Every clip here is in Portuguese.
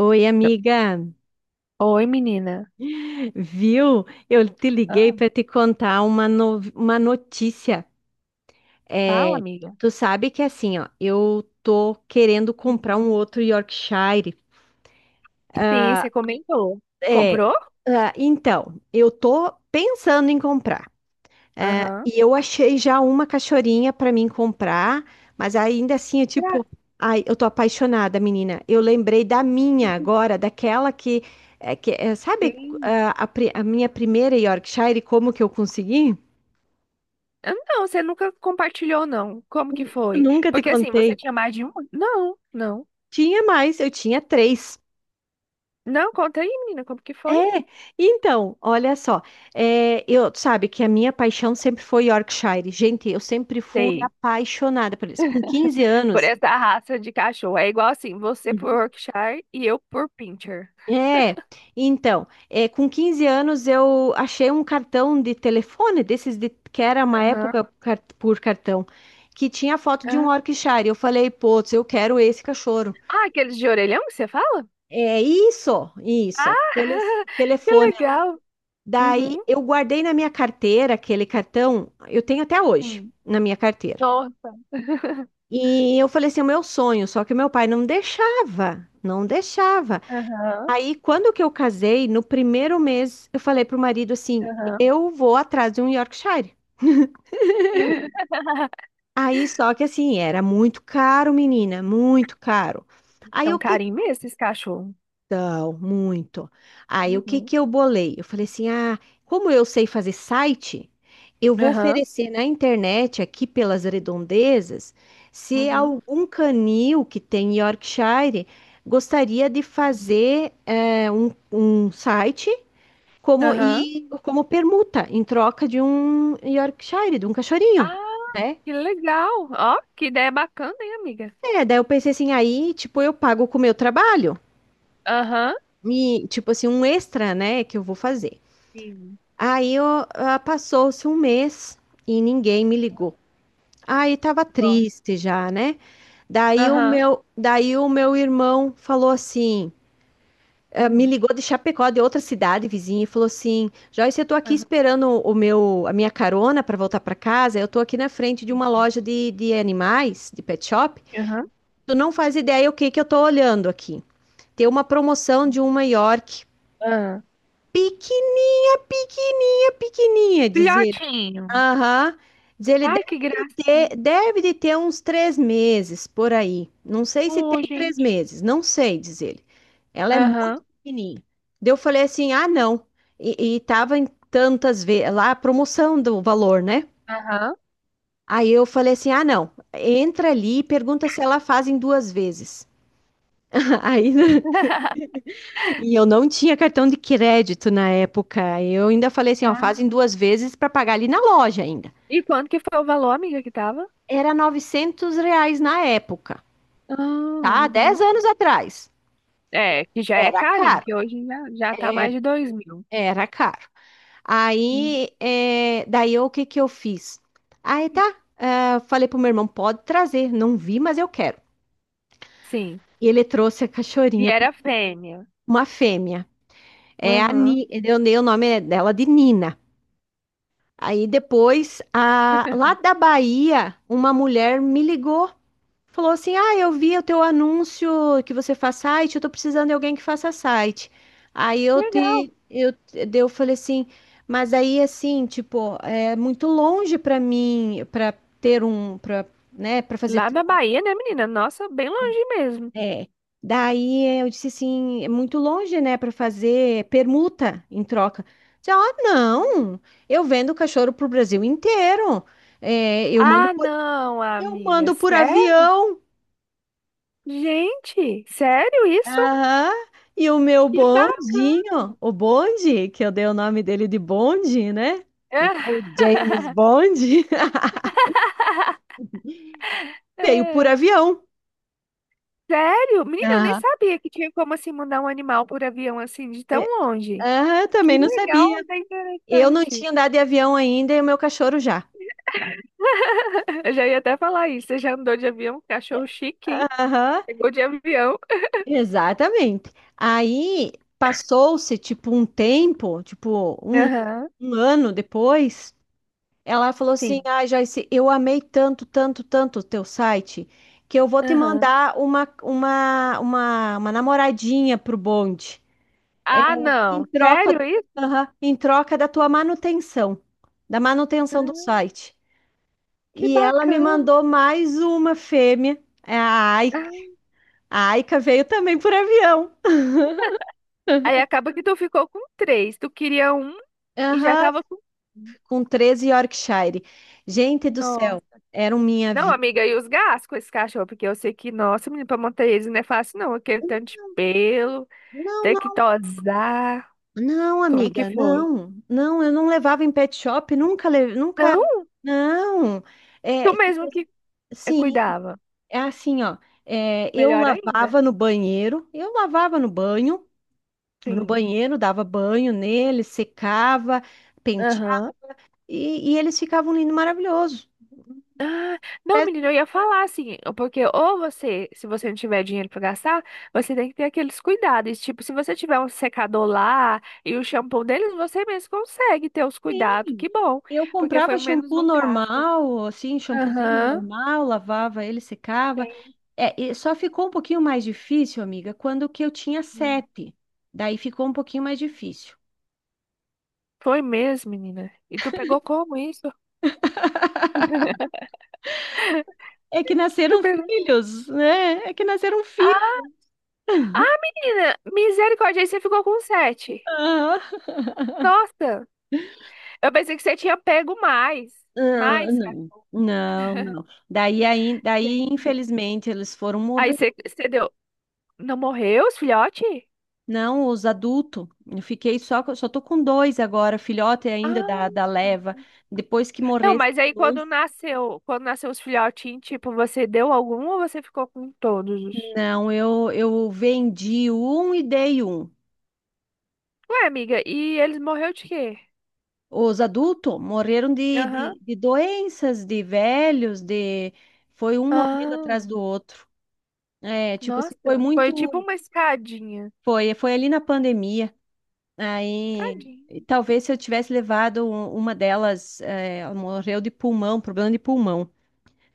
Oi, amiga. Oi, menina. Viu? Eu te liguei Ah, para te contar uma, uma notícia. fala, É, amiga. tu sabe que assim, ó, eu tô querendo comprar um outro Yorkshire. Sim, você comentou. É, Comprou? Então, eu tô pensando em comprar. É, Aham. e eu achei já uma cachorrinha para mim comprar, mas ainda assim eu tipo, ai, eu tô apaixonada, menina. Eu lembrei da minha agora, daquela que, é, que é, sabe Sim. A minha primeira Yorkshire, como que eu consegui? Não, você nunca compartilhou, não. Como que foi? Nunca te Porque assim, você contei. tinha mais de um? Não, não. Tinha mais, eu tinha três. Não, conta aí, menina, como que foi? É, então, olha só, eu sabe que a minha paixão sempre foi Yorkshire. Gente, eu sempre fui Sei. apaixonada por eles. Com quinze Por anos, essa raça de cachorro. É igual assim, você por Uhum. Yorkshire e eu por Pinscher. É, então, com 15 anos eu achei um cartão de telefone, desses de, que era uma Aham. época por cartão, que tinha foto de Ah, um Yorkshire. Eu falei, putz, eu quero esse cachorro. ah, aqueles de orelhão que você fala? É isso, isso, Ah, aquele que telefone. legal. Daí Uhum, eu guardei na minha carteira aquele cartão, eu tenho até hoje sim. na minha carteira. Nossa. E eu falei assim, "É o meu sonho, só que meu pai não deixava, não deixava. Aham. Aí, quando que eu casei, no primeiro mês, eu falei pro marido assim: Aham. eu vou atrás de um Yorkshire. Aí, só que assim, era muito caro, menina, muito caro. É Aí, um o que. carinho mesmo esses cachorros. Então, muito. Aí, o que Uhum. que eu bolei? Eu falei assim: como eu sei fazer site, eu vou Aham. oferecer na internet, aqui pelas redondezas, se Uhum. algum canil que tem Yorkshire gostaria de fazer um site. como Aham. e como permuta em troca de um Yorkshire, de um cachorrinho, Ah, né? que legal. Ó, que ideia bacana, hein, amiga? É, daí eu pensei assim, aí, tipo, eu pago com o meu trabalho, Aham. e, tipo assim, um extra, né, que eu vou fazer. Sim. Aí, passou-se um mês e ninguém me ligou. Aí tava Nossa. triste já, né? Daí o Aham. meu, daí o meu irmão falou assim: me Hum. ligou de Chapecó, de outra cidade vizinha, e falou assim: Joyce, eu tô aqui Aham. esperando o meu, a minha carona para voltar para casa. Eu tô aqui na frente de uma Sim. loja de animais, de pet shop. Aham. Tu não faz ideia o que que eu tô olhando aqui. Tem uma promoção de uma York Aham. pequena, pequenininha, pequenininha, dizer. Filhotinho. Aham. Diz ele Ai, deve que de graça. ter, deve de ter uns 3 meses por aí. Não sei se tem Oh, três gente. meses, não sei, diz ele. Ela é muito Aham. pequenininha. Daí eu falei assim, ah, não. E tava em tantas vezes, lá a promoção do valor, né? Aham. Aí eu falei assim, ah, não. Entra ali e pergunta se ela faz em duas vezes. Aí, né? E eu não tinha cartão de crédito na época. Eu ainda falei assim, ó, Ah. faz em duas vezes para pagar ali na loja ainda. E quanto que foi o valor, amiga, que tava? Era R$ 900 na época, Ah, tá? 10 uhum. anos atrás. É, que já é Era carinho, caro, que hoje já, já tá mais era, de dois mil. era caro. Aí, daí o que que eu fiz? Aí tá, falei pro meu irmão, pode trazer, não vi, mas eu quero. Sim. E ele trouxe a E cachorrinha, era fêmea. uma fêmea. É a Aham. Ni, eu dei o nome dela de Nina. Aí depois, lá da Bahia, uma mulher me ligou. Falou assim: Ah, eu vi o teu anúncio que você faz site, eu tô precisando de alguém que faça site. Aí eu Legal. te, eu, daí eu falei assim, mas aí assim, tipo, é muito longe pra mim, pra ter um, pra, né, para fazer. Lá na Bahia, né, menina? Nossa, bem longe mesmo. É. Daí eu disse assim, é muito longe, né, pra fazer permuta em troca. Disse, ah, Uhum. não, eu vendo cachorro pro Brasil inteiro. É, eu mando Ah, por, não, eu amiga. mando por Sério? avião. Gente, sério isso? Aham. E o meu Que bacana. bondinho, o Bonde, que eu dei o nome dele de Bonde, né? É, Igual o James Bond, veio por é. avião. Sério? Menina, eu nem Aham. sabia que tinha como assim mandar um animal por avião assim de tão É, longe. Aham, eu Que também não legal, sabia. é Eu não interessante. tinha andado de avião ainda e o meu cachorro já. Eu já ia até falar isso. Você já andou de avião? Cachorro chique, hein? Aham, Pegou de avião. exatamente. Aí passou-se tipo um tempo, tipo um, Aham, um ano depois. Ela falou assim: sim. Ah, Joyce, eu amei tanto, tanto, tanto o teu site, que eu vou te Aham. mandar uma namoradinha pro bonde, Ah, em não. troca. Sério isso? Aham, em troca da tua manutenção, da manutenção do Ah, site. que E ela me bacana. mandou mais uma fêmea, é a Aika. Ah. A Aika veio também por avião. Aí acaba que tu ficou com três. Tu queria um e já Aham, tava com. Um. com 13 Yorkshire. Gente do Nossa. céu, eram minha Não, vida. amiga, e os gastos com esse cachorro? Porque eu sei que, nossa, menino, pra manter eles não é fácil, não. Aquele tanto de pelo, ter que Não. tosar. Não, Como que amiga, foi? não, não, eu não levava em pet shop, nunca, nunca, Não, não, tu é, tipo, mesmo que assim, sim, cuidava. é assim, ó, eu Melhor ainda. lavava no banheiro, eu lavava no banho, no Sim. banheiro, dava banho nele, secava, Aham. penteava, e eles ficavam lindos, maravilhosos. Ah, não, menina, eu ia falar assim, porque ou você, se você não tiver dinheiro pra gastar, você tem que ter aqueles cuidados. Tipo, se você tiver um secador lá e o shampoo deles, você mesmo consegue ter os cuidados. Sim. Que bom, Eu porque foi comprava menos shampoo um gasto. normal, assim, shampoozinho Aham. normal, lavava ele, secava. Tem. É, e só ficou um pouquinho mais difícil, amiga, quando que eu tinha sete. Daí ficou um pouquinho mais difícil. Foi mesmo, menina. E tu pegou como isso? É que Tu nasceram pegou. filhos, né? É que nasceram filhos. Ah, ah, menina, misericórdia, aí você ficou com sete. Ah, Nossa, eu pensei que você tinha pego mais. ah, Mais, cara, não. Não, não. Daí, gente. infelizmente, eles foram Aí morrer. você, você deu. Não morreu os filhotes? Não, os adultos. Eu fiquei só, só tô com dois agora, filhote ainda da, Ah, da leva. Depois que não, morresse, mas aí dois. Quando nasceu os filhotinhos, tipo, você deu algum ou você ficou com todos? Não, eu vendi um e dei um. Ué, amiga, e eles morreu de quê? Os adultos morreram de, Aham. de, de doenças, de velhos, de... Foi um morrendo Ah, atrás do outro. É, tipo assim, foi nossa, foi tipo muito... uma escadinha. Foi ali na pandemia. Aí, e Tadinho, talvez se eu tivesse levado uma delas, ela morreu de pulmão, problema de pulmão.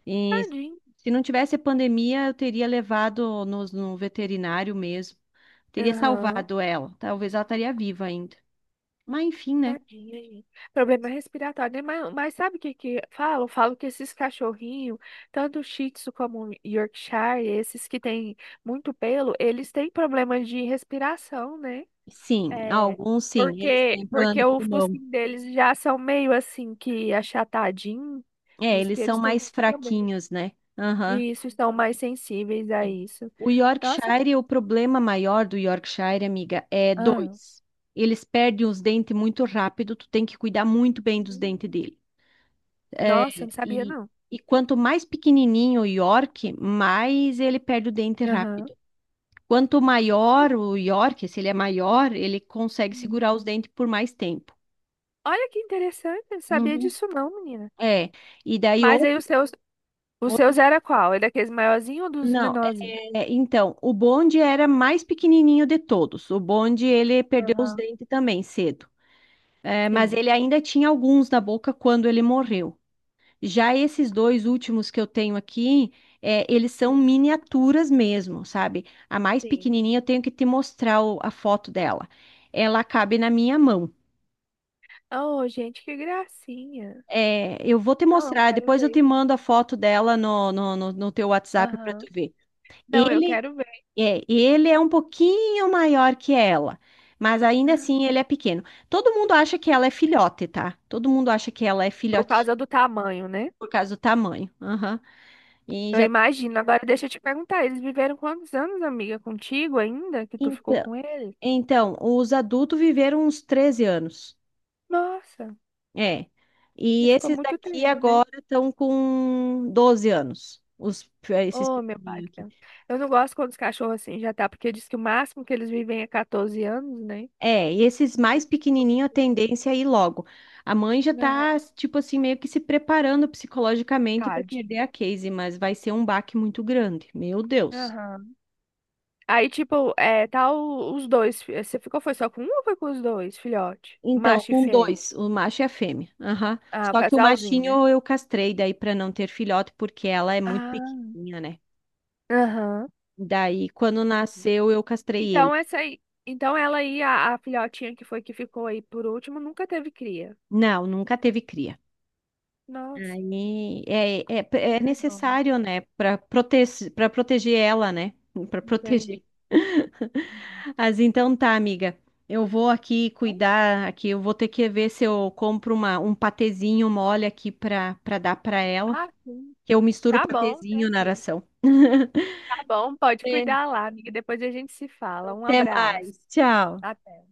E tadinho, se não tivesse a pandemia, eu teria levado no veterinário mesmo. Teria aham. salvado ela. Talvez ela estaria viva ainda. Mas enfim, né? Tadinha, gente. Problema respiratório, né? Mas sabe o que que falam? Falam que esses cachorrinhos, tanto Shih Tzu como Yorkshire, esses que têm muito pelo, eles têm problemas de respiração, né? Sim, É, alguns sim, eles têm porque, problema porque de o pulmão. focinho deles já são meio assim que achatadinho. É, Diz eles que são eles têm mais muito problema. fraquinhos, né? Aham. E isso, estão mais sensíveis a isso. O Nossa, Yorkshire, o problema maior do Yorkshire, amiga, é ah, dois. Eles perdem os dentes muito rápido, tu tem que cuidar muito bem dos dentes hum, dele. nossa, não sabia E, não. e quanto mais pequenininho o York, mais ele perde o dente Aham. rápido. Quanto maior o York, se ele é maior, ele consegue Hum. segurar os dentes por mais tempo. Olha que interessante, eu não sabia Uhum. disso não, menina. É, e daí Mas aí os outro- seus era qual? Era daqueles maiorzinhos ou dos não, menorzinhos? Então, o bonde era mais pequenininho de todos. O bonde, ele perdeu os Aham. dentes também cedo. É, mas Sim. ele ainda tinha alguns na boca quando ele morreu. Já esses dois últimos que eu tenho aqui, eles são miniaturas mesmo, sabe? A mais Sim. pequenininha eu tenho que te mostrar a foto dela. Ela cabe na minha mão. Oh, gente, que gracinha. É, eu vou te Não, eu mostrar, quero depois eu te ver. mando a foto dela no teu WhatsApp para Aham. tu ver. Não, eu Ele quero e ele é um pouquinho maior que ela, mas ainda ver. assim ele é pequeno. Todo mundo acha que ela é filhote, tá? Todo mundo acha que ela é Por filhote causa do tamanho, né? por causa do tamanho. Aham. E Eu já imagino. Agora deixa eu te perguntar, eles viveram quantos anos, amiga, contigo ainda que tu ficou então, com eles? então, os adultos viveram uns 13 anos. Nossa, É. E ele ficou esses muito daqui tempo, né? agora estão com 12 anos, os esses Oh, meu pai, pequenininhos. Eu não gosto quando os cachorros assim já tá, porque diz que o máximo que eles vivem é 14 anos, né? É, e esses mais pequenininhos, a tendência é ir logo. A mãe já tá, Aham. tipo assim, meio que se preparando psicologicamente para Tadinho. perder a Casey, mas vai ser um baque muito grande. Meu Deus. Aham. Aí, tipo, é, tá os dois. Você ficou, foi só com um ou foi com os dois, filhote? Então, Macho e com fêmea. dois, o macho e a fêmea. Aham. Ah, o Só que o casalzinho, né? machinho eu castrei daí para não ter filhote, porque ela é muito Ah. pequenininha, né? Aham. Daí, quando nasceu, eu castrei ele. Então essa aí, então ela aí a filhotinha que foi que ficou aí por último nunca teve cria. Não, nunca teve cria. Nossa, Aí é hum, é bom. necessário, né, para prote para proteger ela, né? Para proteger. Entendi. Uhum. Mas então tá, amiga. Eu vou aqui Então, cuidar aqui, eu vou ter que ver se eu compro uma, um patezinho mole aqui para dar para ela, ah, sim. que eu misturo o Tá bom, patezinho na tranquilo. ração. Tá bom, pode É. cuidar lá, amiga. Depois a gente se fala. Um Até abraço. mais. Tchau. Até.